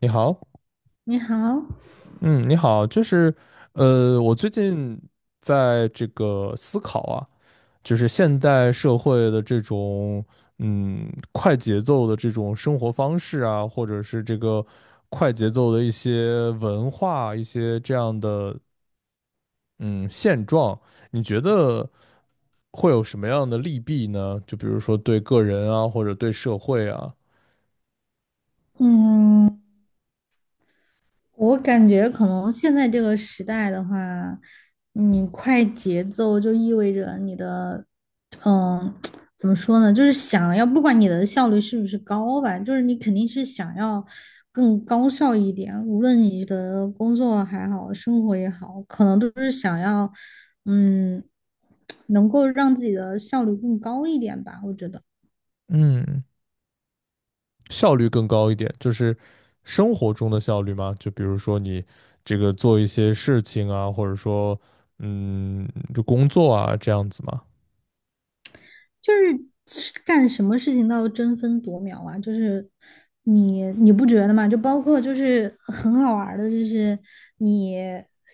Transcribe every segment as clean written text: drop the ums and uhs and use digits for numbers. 你好，你好。嗯，你好，就是，我最近在这个思考啊，就是现代社会的这种，快节奏的这种生活方式啊，或者是这个快节奏的一些文化，一些这样的，嗯，现状，你觉得会有什么样的利弊呢？就比如说对个人啊，或者对社会啊。嗯，我感觉可能现在这个时代的话，你快节奏就意味着你的，嗯，怎么说呢？就是想要，不管你的效率是不是高吧，就是你肯定是想要更高效一点，无论你的工作还好，生活也好，可能都是想要，嗯，能够让自己的效率更高一点吧，我觉得。嗯。效率更高一点，就是生活中的效率嘛。就比如说你这个做一些事情啊，或者说嗯，就工作啊这样子嘛。就是干什么事情都要争分夺秒啊，就是你不觉得吗？就包括就是很好玩的，就是你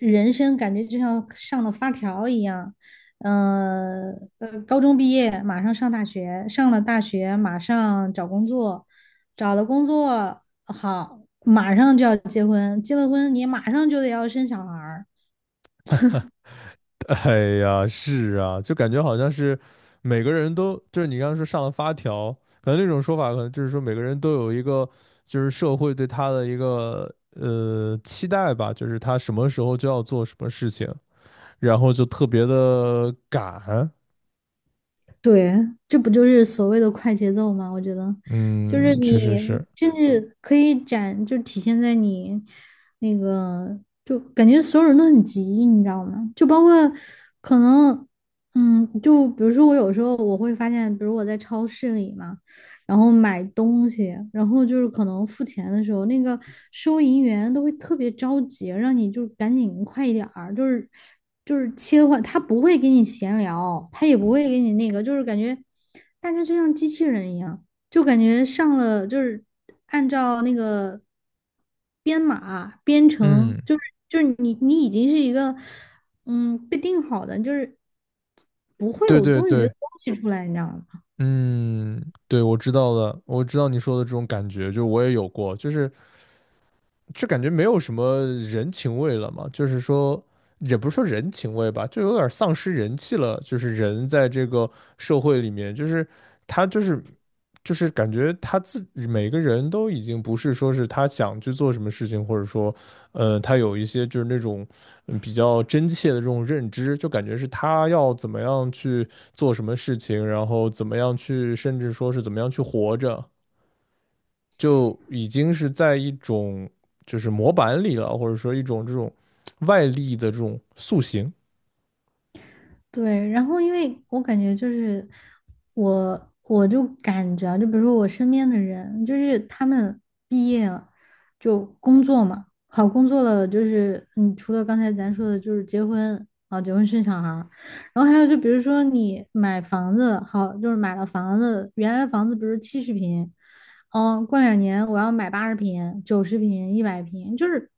人生感觉就像上了发条一样，呃高中毕业马上上大学，上了大学马上找工作，找了工作好，马上就要结婚，结了婚你马上就得要生小孩儿。哎呀，是啊，就感觉好像是每个人都就是你刚刚说上了发条，可能那种说法可能就是说每个人都有一个就是社会对他的一个期待吧，就是他什么时候就要做什么事情，然后就特别的赶。对，这不就是所谓的快节奏吗？我觉得，就是嗯，确实你是。甚至可以展，就体现在你那个，就感觉所有人都很急，你知道吗？就包括可能，就比如说我有时候我会发现，比如我在超市里嘛。然后买东西，然后就是可能付钱的时候，那个收银员都会特别着急，让你就是赶紧快一点儿，就是切换，他不会给你闲聊，他也不会给你那个，就是感觉大家就像机器人一样，就感觉上了就是按照那个编码编嗯，程，就是你已经是一个被定好的，就是不会对有对多余的对。东西出来，你知道吗？嗯，对，我知道的，我知道你说的这种感觉，就是我也有过，就是，就感觉没有什么人情味了嘛，就是说，也不是说人情味吧，就有点丧失人气了。就是人在这个社会里面，就是他就是感觉每个人都已经不是说是他想去做什么事情，或者说，他有一些就是那种比较真切的这种认知，就感觉是他要怎么样去做什么事情，然后怎么样去，甚至说是怎么样去活着。就已经是在一种就是模板里了，或者说一种这种外力的这种塑形。对，然后因为我感觉就是我就感觉啊，就比如说我身边的人，就是他们毕业了就工作嘛，好工作了，就是除了刚才咱说的，就是结婚啊，结婚生小孩儿然后还有就比如说你买房子，好，就是买了房子，原来房子比如70平，哦，过2年我要买80平、90平、100平，就是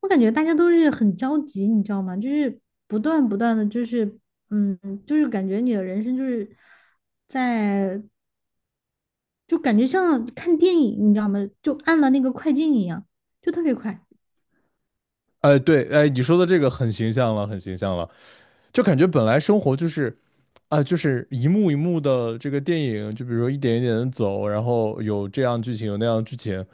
我感觉大家都是很着急，你知道吗？就是不断不断的，就是嗯，就是感觉你的人生就是在，就感觉像看电影，你知道吗？就按了那个快进一样，就特别快。哎，对，哎，你说的这个很形象了，很形象了，就感觉本来生活就是。啊，就是一幕一幕的这个电影，就比如说一点一点的走，然后有这样剧情，有那样剧情，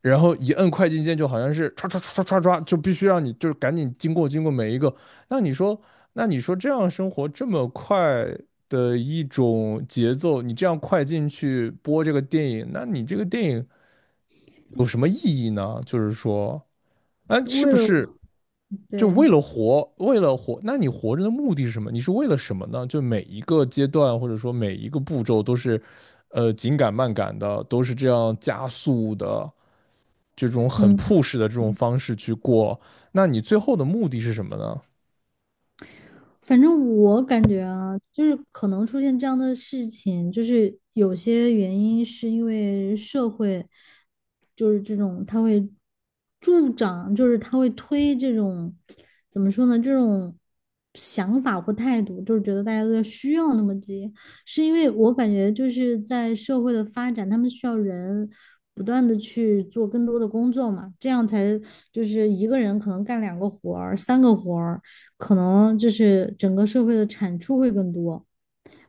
然后一摁快进键就好像是唰唰唰唰唰唰，就必须让你就是赶紧经过每一个。那你说，那你说这样生活这么快的一种节奏，你这样快进去播这个电影，那你这个电影有什么意义呢？就是说，啊，是为不了，是就对，为了活，为了活？那你活着的目的是什么？你是为了什么呢？就每一个阶段或者说每一个步骤都是，紧赶慢赶的，都是这样加速的。这种很 嗯。push 的这种方式去过，那你最后的目的是什么呢？反正我感觉啊，就是可能出现这样的事情，就是有些原因是因为社会，就是这种它会助长，就是他会推这种，怎么说呢，这种想法或态度，就是觉得大家都在需要那么急，是因为我感觉就是在社会的发展，他们需要人。不断的去做更多的工作嘛，这样才就是一个人可能干2个活儿、3个活儿，可能就是整个社会的产出会更多。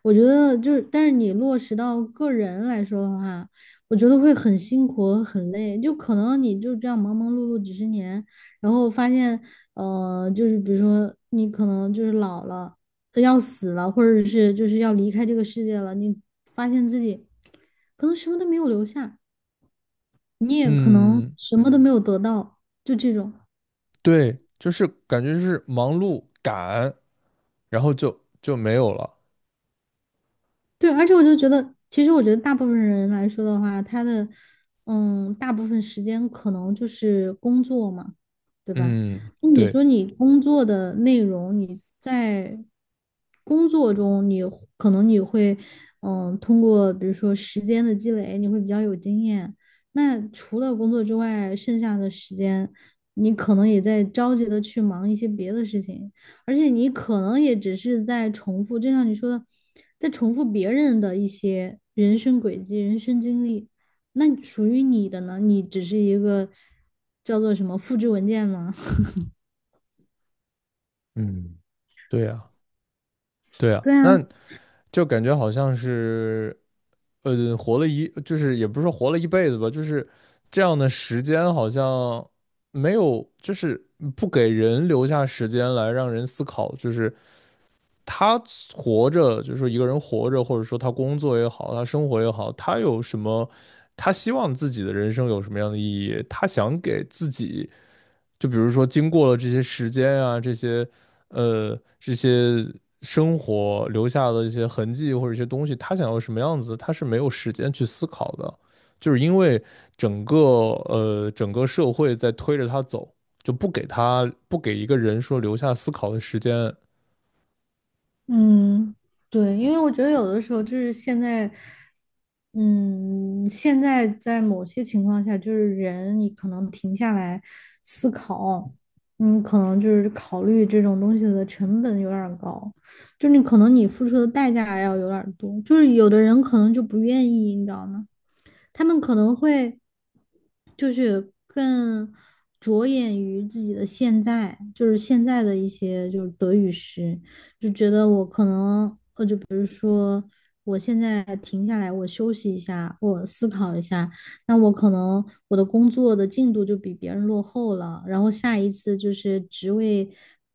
我觉得就是，但是你落实到个人来说的话，我觉得会很辛苦和很累。就可能你就这样忙忙碌碌几十年，然后发现，就是比如说你可能就是老了，要死了，或者是就是要离开这个世界了，你发现自己可能什么都没有留下，你也可能嗯，什么都没有得到，就这种。对，就是感觉是忙碌赶，然后就没有了。对，而且我就觉得，其实我觉得大部分人来说的话，他的大部分时间可能就是工作嘛，对吧？嗯，那你对，说你工作的内容，你在工作中你，可能你会通过比如说时间的积累，你会比较有经验。那除了工作之外，剩下的时间，你可能也在着急的去忙一些别的事情。而且你可能也只是在重复，就像你说的，在重复别人的一些人生轨迹、人生经历。那属于你的呢？你只是一个叫做什么复制文件吗？嗯，对呀，对呀，对啊，那就感觉好像是，呃，活了一，就是也不是说活了一辈子吧，就是这样的时间好像没有，就是不给人留下时间来让人思考，就是他活着，就是说一个人活着，或者说他工作也好，他生活也好，他有什么，他希望自己的人生有什么样的意义？他想给自己，就比如说经过了这些时间啊，这些生活留下的一些痕迹或者一些东西，他想要什么样子，他是没有时间去思考的，就是因为整个整个社会在推着他走，就不给一个人说留下思考的时间。嗯，对，因为我觉得有的时候就是现在，嗯，现在在某些情况下，就是人你可能停下来思考，可能就是考虑这种东西的成本有点儿高。就是你可能你付出的代价要有点多，就是有的人可能就不愿意，你知道吗？他们可能会就是更着眼于自己的现在，就是现在的一些就是得与失，就觉得我可能就比如说我现在停下来，我休息一下，我思考一下，那我可能我的工作的进度就比别人落后了，然后下一次就是职位。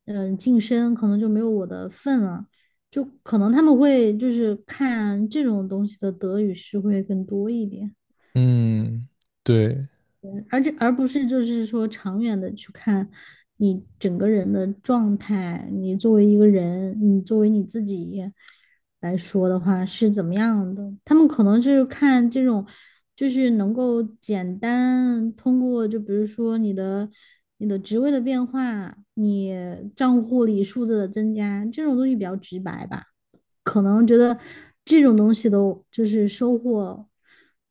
晋升可能就没有我的份了，就可能他们会就是看这种东西的得与失会更多一点，嗯，对，而且而不是就是说长远的去看你整个人的状态，你作为一个人，你作为你自己来说的话是怎么样的？他们可能是看这种，就是能够简单通过，就比如说你的职位的变化，你账户里数字的增加，这种东西比较直白吧。可能觉得这种东西的，就是收获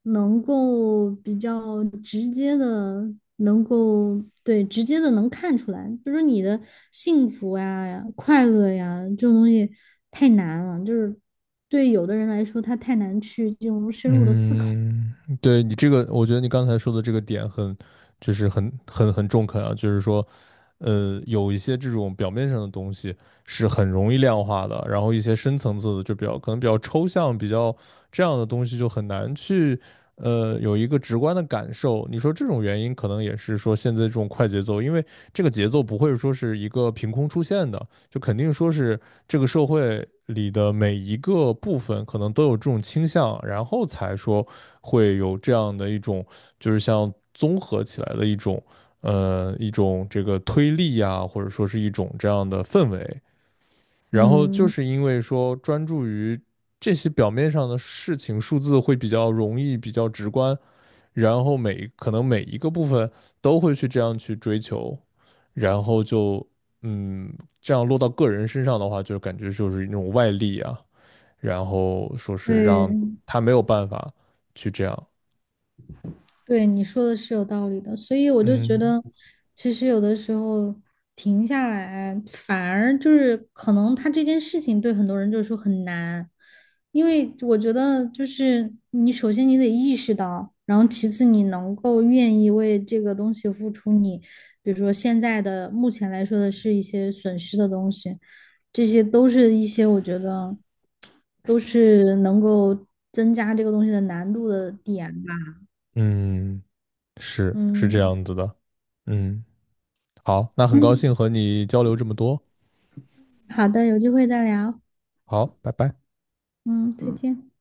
能够比较直接的，能够对直接的能看出来，比如说你的幸福呀、快乐呀这种东西太难了，就是对有的人来说，他太难去这种深入的思考。嗯，对你这个，我觉得你刚才说的这个点就是很中肯啊，就是说，有一些这种表面上的东西是很容易量化的，然后一些深层次的就比较可能比较抽象，比较这样的东西就很难去，有一个直观的感受。你说这种原因可能也是说现在这种快节奏，因为这个节奏不会说是一个凭空出现的。就肯定说是这个社会里的每一个部分可能都有这种倾向，然后才说会有这样的一种，就是像综合起来的一种，一种这个推力呀，或者说是一种这样的氛围。然后就嗯，是因为说专注于这些表面上的事情，数字会比较容易，比较直观，然后可能每一个部分都会去这样去追求，然后就嗯，这样落到个人身上的话，就感觉就是一种外力啊，然后说是让对。他没有办法去这样，对，你说的是有道理的，所以我就觉嗯得，其实有的时候停下来，反而就是可能他这件事情对很多人就是说很难，因为我觉得就是你首先你得意识到，然后其次你能够愿意为这个东西付出你，比如说现在的目前来说的是一些损失的东西，这些都是一些我觉得都是能够增加这个东西的难度的点吧，嗯，是是这嗯。样子的，嗯，好，那很高嗯，兴和你交流这么多，好的，有机会再聊。好，拜拜。嗯，再见。